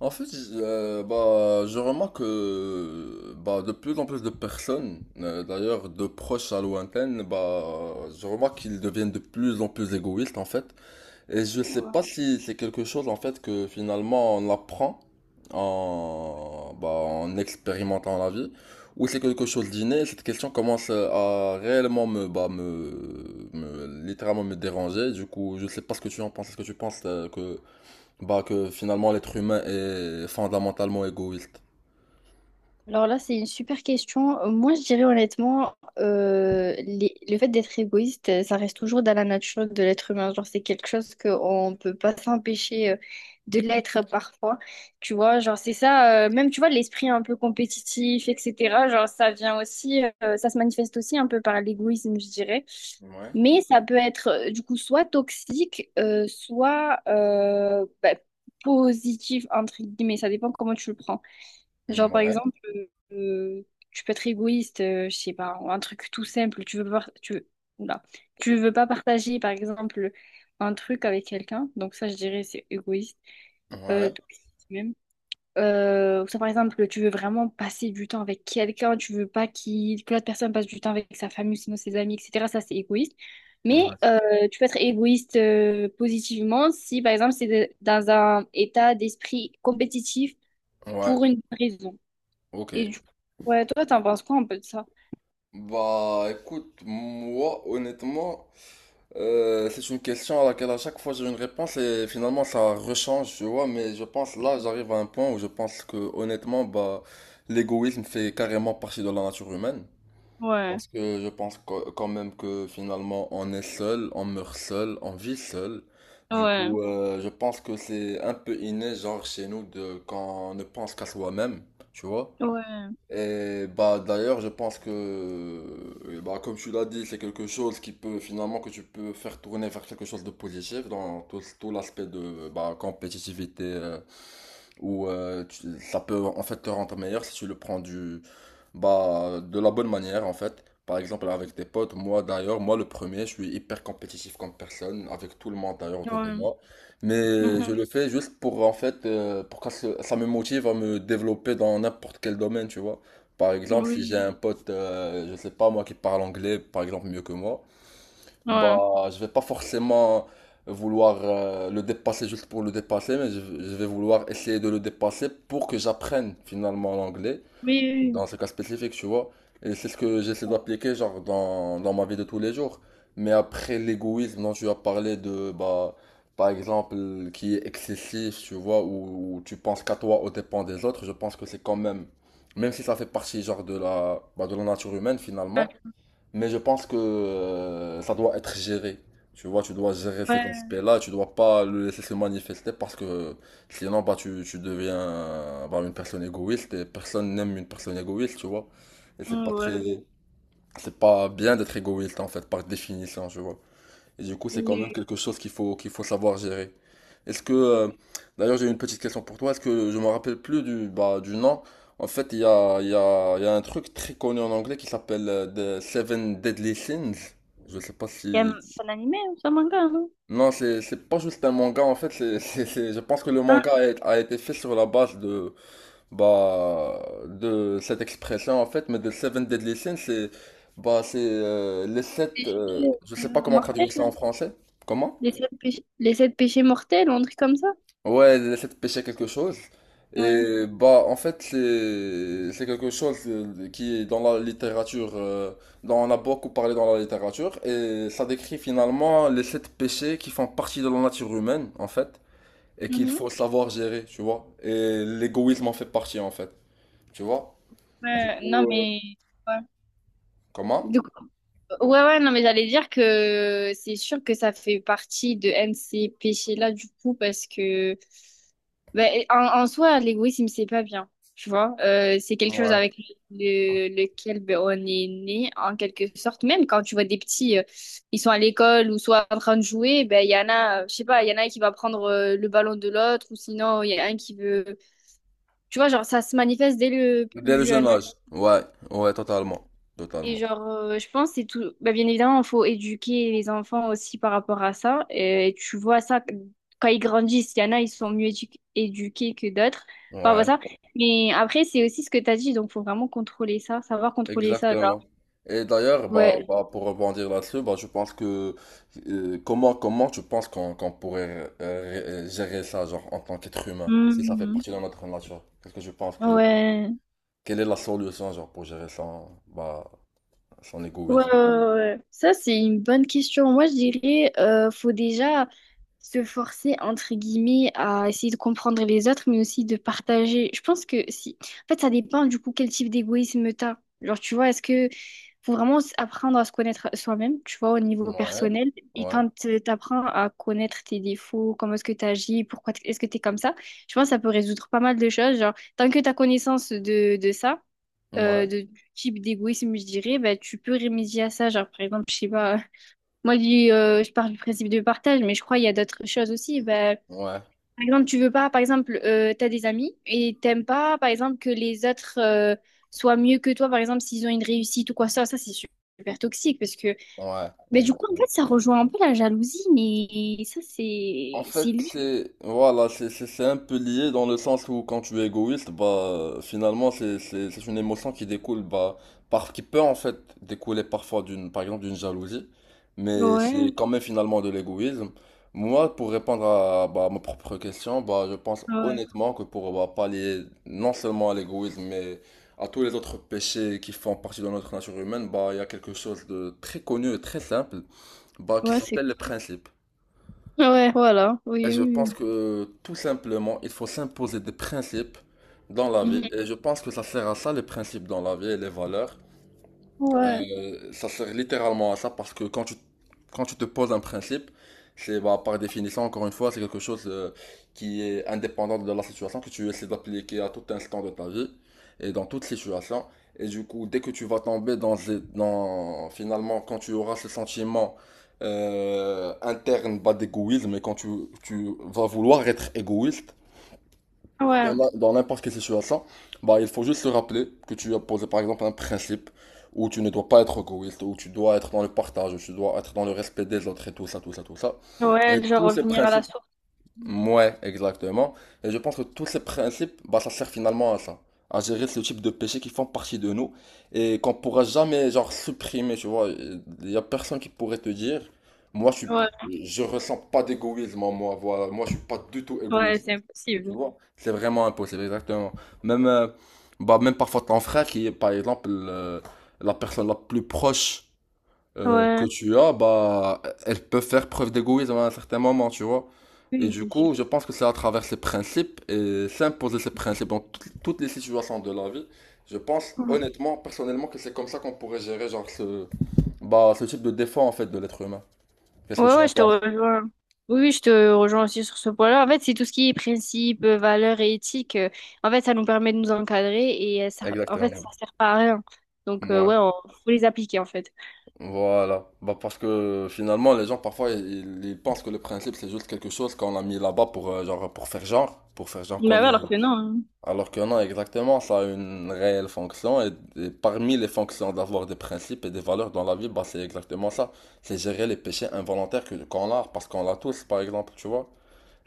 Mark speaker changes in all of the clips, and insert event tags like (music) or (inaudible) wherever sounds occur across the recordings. Speaker 1: En fait, je remarque que de plus en plus de personnes, d'ailleurs de proches à lointaines, je remarque qu'ils deviennent de plus en plus égoïstes en fait. Et je sais
Speaker 2: Ouais.
Speaker 1: pas si c'est quelque chose en fait que finalement on apprend en expérimentant la vie, ou c'est quelque chose d'inné. Cette question commence à réellement me, bah, me- littéralement me déranger. Du coup, je sais pas ce que tu en penses. Est-ce que tu penses que que finalement l'être humain est fondamentalement égoïste.
Speaker 2: Alors là, c'est une super question. Moi, je dirais honnêtement, le fait d'être égoïste, ça reste toujours dans la nature de l'être humain. Genre, c'est quelque chose qu'on ne peut pas s'empêcher de l'être parfois. Tu vois, genre, c'est ça, même, tu vois, l'esprit un peu compétitif, etc. Genre, ça vient aussi, ça se manifeste aussi un peu par l'égoïsme, je dirais.
Speaker 1: Ouais,
Speaker 2: Mais ça peut être, du coup, soit toxique, soit bah, positif, entre guillemets. Ça dépend comment tu le prends. Genre, par
Speaker 1: ouais,
Speaker 2: exemple, euh, tu peux être égoïste, je sais pas, ou un truc tout simple. Tu veux pas, tu veux, oula. Tu veux pas partager, par exemple, un truc avec quelqu'un. Donc ça, je dirais, c'est égoïste.
Speaker 1: ouais,
Speaker 2: Toxique même. Ou ça, par exemple, tu veux vraiment passer du temps avec quelqu'un. Tu veux pas que l'autre personne passe du temps avec sa famille, sinon ses amis, etc. Ça, c'est égoïste. Mais
Speaker 1: Ouais.
Speaker 2: tu peux être égoïste positivement si, par exemple, dans un état d'esprit compétitif
Speaker 1: Ouais,
Speaker 2: pour une raison.
Speaker 1: ok.
Speaker 2: Et du coup, ouais, toi, t'en penses quoi un peu de ça?
Speaker 1: Bah écoute, moi honnêtement, c'est une question à laquelle à chaque fois j'ai une réponse et finalement ça rechange, tu vois, mais je pense là j'arrive à un point où je pense que honnêtement, bah l'égoïsme fait carrément partie de la nature humaine.
Speaker 2: Ouais,
Speaker 1: Parce que je pense quand même que finalement on est seul, on meurt seul, on vit seul. Du
Speaker 2: ouais,
Speaker 1: coup, je pense que c'est un peu inné, genre chez nous, de quand on ne pense qu'à soi-même, tu vois.
Speaker 2: ouais,
Speaker 1: Et bah d'ailleurs, je pense que, bah, comme tu l'as dit, c'est quelque chose qui peut finalement que tu peux faire tourner vers quelque chose de positif dans tout l'aspect de bah, compétitivité. Où ça peut en fait te rendre meilleur si tu le prends du bah de la bonne manière en fait. Par exemple avec tes potes, moi d'ailleurs, moi le premier, je suis hyper compétitif comme personne, avec tout le monde d'ailleurs autour de
Speaker 2: ouais.
Speaker 1: moi. Mais je
Speaker 2: Mhm.
Speaker 1: le fais juste pour en fait pour que ça me motive à me développer dans n'importe quel domaine, tu vois. Par exemple, si j'ai
Speaker 2: Oui,
Speaker 1: un pote, je sais pas moi, qui parle anglais, par exemple, mieux que moi.
Speaker 2: ouais.
Speaker 1: Bah, je vais pas forcément vouloir le dépasser juste pour le dépasser, mais je vais vouloir essayer de le dépasser pour que j'apprenne finalement l'anglais,
Speaker 2: Oui,
Speaker 1: dans ce cas spécifique, tu vois. Et c'est ce que j'essaie
Speaker 2: oui.
Speaker 1: d'appliquer genre dans ma vie de tous les jours. Mais après l'égoïsme dont tu as parlé de, bah, par exemple, qui est excessif, tu vois, où tu penses qu'à toi au dépens des autres, je pense que c'est quand même, même si ça fait partie genre de de la nature humaine
Speaker 2: Ah.
Speaker 1: finalement, mais je pense que ça doit être géré. Tu vois, tu dois gérer cet
Speaker 2: Ouais,
Speaker 1: aspect-là, tu dois pas le laisser se manifester parce que sinon, bah, tu deviens bah, une personne égoïste et personne n'aime une personne égoïste, tu vois. Et c'est
Speaker 2: ouais.
Speaker 1: pas
Speaker 2: Ouais.
Speaker 1: très, c'est pas bien d'être égoïste en fait, par définition, tu vois. Et du coup, c'est quand même
Speaker 2: Oui.
Speaker 1: quelque chose qu'il faut savoir gérer. Est-ce que, d'ailleurs, j'ai une petite question pour toi. Est-ce que je me rappelle plus du, bah, du nom? En fait, il y a un truc très connu en anglais qui s'appelle The Seven Deadly Sins. Je sais pas
Speaker 2: Il y a
Speaker 1: si.
Speaker 2: un animé ou ça, manga, non?
Speaker 1: Non, c'est pas juste un manga, en fait. Je pense que le
Speaker 2: Ah,
Speaker 1: manga a été fait sur la base de, bah, de cette expression, en fait. Mais The Seven Deadly Sins, c'est, bah, c'est les sept. Je sais pas comment
Speaker 2: mortel.
Speaker 1: traduire ça en français. Comment?
Speaker 2: Les sept péchés mortels ou un truc comme ça?
Speaker 1: Ouais, elle essaie de pêcher quelque chose.
Speaker 2: Ouais.
Speaker 1: Et bah, en fait, c'est quelque chose qui est dans la littérature, dont on a beaucoup parlé dans la littérature, et ça décrit finalement les sept péchés qui font partie de la nature humaine, en fait, et qu'il
Speaker 2: Mhm.
Speaker 1: faut savoir gérer, tu vois. Et l'égoïsme en fait partie, en fait, tu vois. Du
Speaker 2: Ouais, non,
Speaker 1: coup,
Speaker 2: mais... Ouais.
Speaker 1: comment?
Speaker 2: Du coup, ouais, ouais, non, mais j'allais dire que c'est sûr que ça fait partie de un de ces péchés-là, du coup, parce que ben, en soi, l'égoïsme, c'est pas bien, tu vois. C'est quelque chose
Speaker 1: Ouais.
Speaker 2: avec lequel ben, on est né, en quelque sorte. Même quand tu vois des petits, ils sont à l'école ou soit en train de jouer, ben, il y en a, je sais pas, il y en a un qui va prendre le ballon de l'autre ou sinon, il y en a un qui veut... Tu vois, genre, ça se manifeste dès le
Speaker 1: Dès le
Speaker 2: plus
Speaker 1: jeune
Speaker 2: jeune.
Speaker 1: âge. Ouais, ouais, totalement.
Speaker 2: Et
Speaker 1: Totalement.
Speaker 2: genre, je pense que c'est tout. Bah, bien évidemment, il faut éduquer les enfants aussi par rapport à ça. Et tu vois ça quand ils grandissent. Il y en a, ils sont mieux éduqués que d'autres par
Speaker 1: Ouais.
Speaker 2: rapport à ça. Mais après, c'est aussi ce que tu as dit. Donc, faut vraiment contrôler ça, savoir contrôler ça. Genre,
Speaker 1: Exactement. Et d'ailleurs, bah,
Speaker 2: ouais.
Speaker 1: bah, pour rebondir là-dessus, bah, je pense que comment, comment tu penses qu'on pourrait gérer ça, genre, en tant qu'être humain, si ça fait
Speaker 2: Mhm.
Speaker 1: partie de notre nature? Qu'est-ce que je pense que
Speaker 2: Ouais.
Speaker 1: quelle est la solution, genre, pour gérer son, bah, son
Speaker 2: Ouais, ouais,
Speaker 1: égoïsme?
Speaker 2: ouais. ouais. Ça, c'est une bonne question. Moi, je dirais, faut déjà se forcer, entre guillemets, à essayer de comprendre les autres, mais aussi de partager. Je pense que si... En fait, ça dépend du coup quel type d'égoïsme t'as. Genre, tu vois, est-ce que faut vraiment apprendre à se connaître soi-même, tu vois, au niveau
Speaker 1: Ouais,
Speaker 2: personnel. Et
Speaker 1: ouais,
Speaker 2: quand t'apprends à connaître tes défauts, comment est-ce que t'agis, pourquoi est-ce que t'es comme ça, je pense que ça peut résoudre pas mal de choses. Genre, tant que t'as connaissance de ça
Speaker 1: ouais,
Speaker 2: de, du type d'égoïsme, je dirais, bah, tu peux remédier à ça. Genre, par exemple, je sais pas, (laughs) moi, je parle du principe de partage, mais je crois qu'il y a d'autres choses aussi. Bah,
Speaker 1: ouais,
Speaker 2: par exemple, tu veux pas, par exemple, tu as des amis et t'aimes pas, par exemple, que les autres soient mieux que toi, par exemple, s'ils ont une réussite ou quoi, ça c'est super toxique parce que,
Speaker 1: ouais,
Speaker 2: mais du coup, en
Speaker 1: exactement.
Speaker 2: fait, ça rejoint un peu la jalousie, mais ça,
Speaker 1: En
Speaker 2: c'est
Speaker 1: fait,
Speaker 2: lié.
Speaker 1: c'est voilà, c'est un peu lié dans le sens où quand tu es égoïste, bah finalement c'est une émotion qui découle bah par qui peut en fait découler parfois d'une par exemple d'une jalousie, mais c'est
Speaker 2: Ouais,
Speaker 1: quand même finalement de l'égoïsme. Moi, pour répondre à bah, ma propre question, bah je pense
Speaker 2: ouais,
Speaker 1: honnêtement que pour bah, pallier non seulement à l'égoïsme mais à tous les autres péchés qui font partie de notre nature humaine, bah il y a quelque chose de très connu et très simple, bah qui
Speaker 2: ouais, c'est
Speaker 1: s'appelle le principe.
Speaker 2: ouais, voilà,
Speaker 1: Et
Speaker 2: oui,
Speaker 1: je
Speaker 2: oui.
Speaker 1: pense
Speaker 2: Oui.
Speaker 1: que tout simplement, il faut s'imposer des principes dans la vie.
Speaker 2: Mhm.
Speaker 1: Et je pense que ça sert à ça, les principes dans la vie et les valeurs.
Speaker 2: Ouais,
Speaker 1: Ça sert littéralement à ça parce que quand tu te poses un principe, c'est bah, par définition, encore une fois, c'est quelque chose qui est indépendant de la situation que tu essaies d'appliquer à tout instant de ta vie et dans toute situation. Et du coup, dès que tu vas tomber dans, ces- dans finalement, quand tu auras ce sentiment interne bah, d'égoïsme et quand tu vas vouloir être égoïste,
Speaker 2: ouais,
Speaker 1: dans n'importe quelle situation, bah, il faut juste se rappeler que tu as posé par exemple un principe où tu ne dois pas être égoïste, où tu dois être dans le partage, où tu dois être dans le respect des autres et tout ça, tout ça, tout ça. Et
Speaker 2: ouais, genre
Speaker 1: tous ces
Speaker 2: revenir à la
Speaker 1: principes,
Speaker 2: source.
Speaker 1: ouais, exactement. Et je pense que tous ces principes, bah, ça sert finalement à ça, à gérer ce type de péchés qui font partie de nous et qu'on pourra jamais, genre, supprimer, tu vois. Il y a personne qui pourrait te dire, moi, je suis,
Speaker 2: Ouais,
Speaker 1: je ressens pas d'égoïsme en moi, voilà, moi, je suis pas du tout
Speaker 2: ouais,
Speaker 1: égoïste.
Speaker 2: c'est
Speaker 1: Tu
Speaker 2: impossible.
Speaker 1: vois, c'est vraiment impossible, exactement. Même, bah, même parfois ton frère, qui est par exemple la personne la plus proche que
Speaker 2: Ouais,
Speaker 1: tu as, bah, elle peut faire preuve d'égoïsme à un certain moment, tu vois. Et
Speaker 2: oui,
Speaker 1: du
Speaker 2: c'est sûr.
Speaker 1: coup, je pense que c'est à travers ces principes et s'imposer ces principes dans toutes les situations de la vie. Je pense
Speaker 2: Mm.
Speaker 1: honnêtement, personnellement, que c'est comme ça qu'on pourrait gérer genre ce, bah, ce type de défaut en fait de l'être humain. Qu'est-ce que
Speaker 2: Ouais,
Speaker 1: tu
Speaker 2: ouais,
Speaker 1: en
Speaker 2: je te
Speaker 1: penses?
Speaker 2: rejoins. Oui, oui, je te rejoins aussi sur ce point-là. En fait, c'est tout ce qui est principe, valeurs et éthique. En fait, ça nous permet de nous encadrer et ça, en fait,
Speaker 1: Exactement.
Speaker 2: ça sert pas à rien. Donc,
Speaker 1: Ouais.
Speaker 2: ouais, on faut les appliquer, en fait.
Speaker 1: Voilà, bah parce que finalement les gens parfois ils pensent que le principe c'est juste quelque chose qu'on a mis là-bas pour genre pour faire genre, pour faire genre qu'on
Speaker 2: Bah ouais,
Speaker 1: est.
Speaker 2: alors que non.
Speaker 1: Alors que non, exactement, ça a une réelle fonction et parmi les fonctions d'avoir des principes et des valeurs dans la vie, bah c'est exactement ça. C'est gérer les péchés involontaires que qu'on a parce qu'on l'a tous par exemple, tu vois.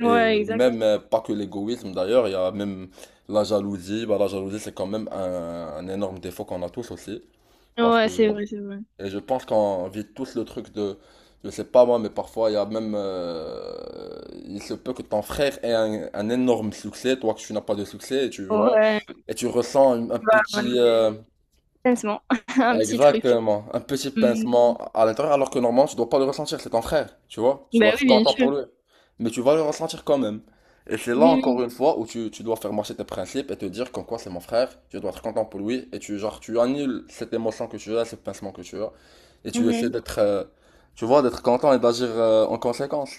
Speaker 2: Hein.
Speaker 1: Et
Speaker 2: Ouais, exact.
Speaker 1: même pas que l'égoïsme d'ailleurs, il y a même la jalousie, bah la jalousie c'est quand même un énorme défaut qu'on a tous aussi. Parce que
Speaker 2: Ouais, c'est vrai, c'est vrai.
Speaker 1: et je pense qu'on vit tous le truc de, je sais pas moi, mais parfois il y a même, il se peut que ton frère ait un énorme succès, toi que tu n'as pas de succès, et tu vois,
Speaker 2: Ouais.
Speaker 1: et tu ressens un
Speaker 2: Bah,
Speaker 1: petit,
Speaker 2: ok. Honnêtement, (laughs) un petit truc.
Speaker 1: Exactement. Un petit
Speaker 2: Hmm.
Speaker 1: pincement à l'intérieur, alors que normalement, tu dois pas le ressentir, c'est ton frère, tu vois. Tu
Speaker 2: Bah
Speaker 1: dois être
Speaker 2: oui, bien
Speaker 1: content
Speaker 2: sûr.
Speaker 1: pour lui. Mais tu vas le ressentir quand même. Et c'est là encore
Speaker 2: Oui,
Speaker 1: une fois où tu dois faire marcher tes principes et te dire qu'en quoi c'est mon frère, tu dois être content pour lui, et tu genre tu annules cette émotion que tu as, ce pincement que tu as, et
Speaker 2: oui.
Speaker 1: tu essaies
Speaker 2: Mhm.
Speaker 1: d'être tu vois, d'être content et d'agir en conséquence.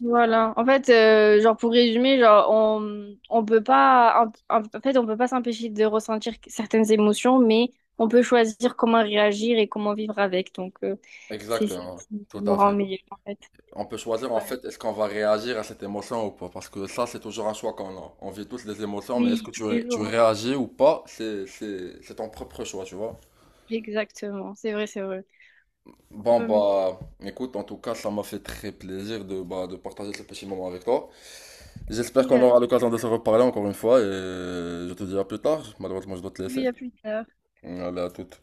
Speaker 2: Voilà. En fait, genre pour résumer, genre on peut pas en fait on peut pas s'empêcher de ressentir certaines émotions, mais on peut choisir comment réagir et comment vivre avec. Donc c'est ça
Speaker 1: Exactement,
Speaker 2: qui
Speaker 1: tout
Speaker 2: nous
Speaker 1: à
Speaker 2: rend
Speaker 1: fait.
Speaker 2: meilleurs en fait.
Speaker 1: On peut choisir en
Speaker 2: Ouais.
Speaker 1: fait est-ce qu'on va réagir à cette émotion ou pas. Parce que ça, c'est toujours un choix qu'on a. On vit tous des émotions, mais est-ce
Speaker 2: Oui,
Speaker 1: que
Speaker 2: tous les
Speaker 1: tu
Speaker 2: jours. Hein.
Speaker 1: réagis ou pas, c'est ton propre choix, tu vois.
Speaker 2: Exactement. C'est vrai, c'est vrai.
Speaker 1: Bon,
Speaker 2: Euh,
Speaker 1: bah, écoute, en tout cas, ça m'a fait très plaisir de, bah, de partager ce petit moment avec toi. J'espère qu'on aura
Speaker 2: également.
Speaker 1: l'occasion de se reparler encore une fois et je te dis à plus tard. Malheureusement, je dois te laisser.
Speaker 2: Oui, à plus tard.
Speaker 1: Allez, à toute.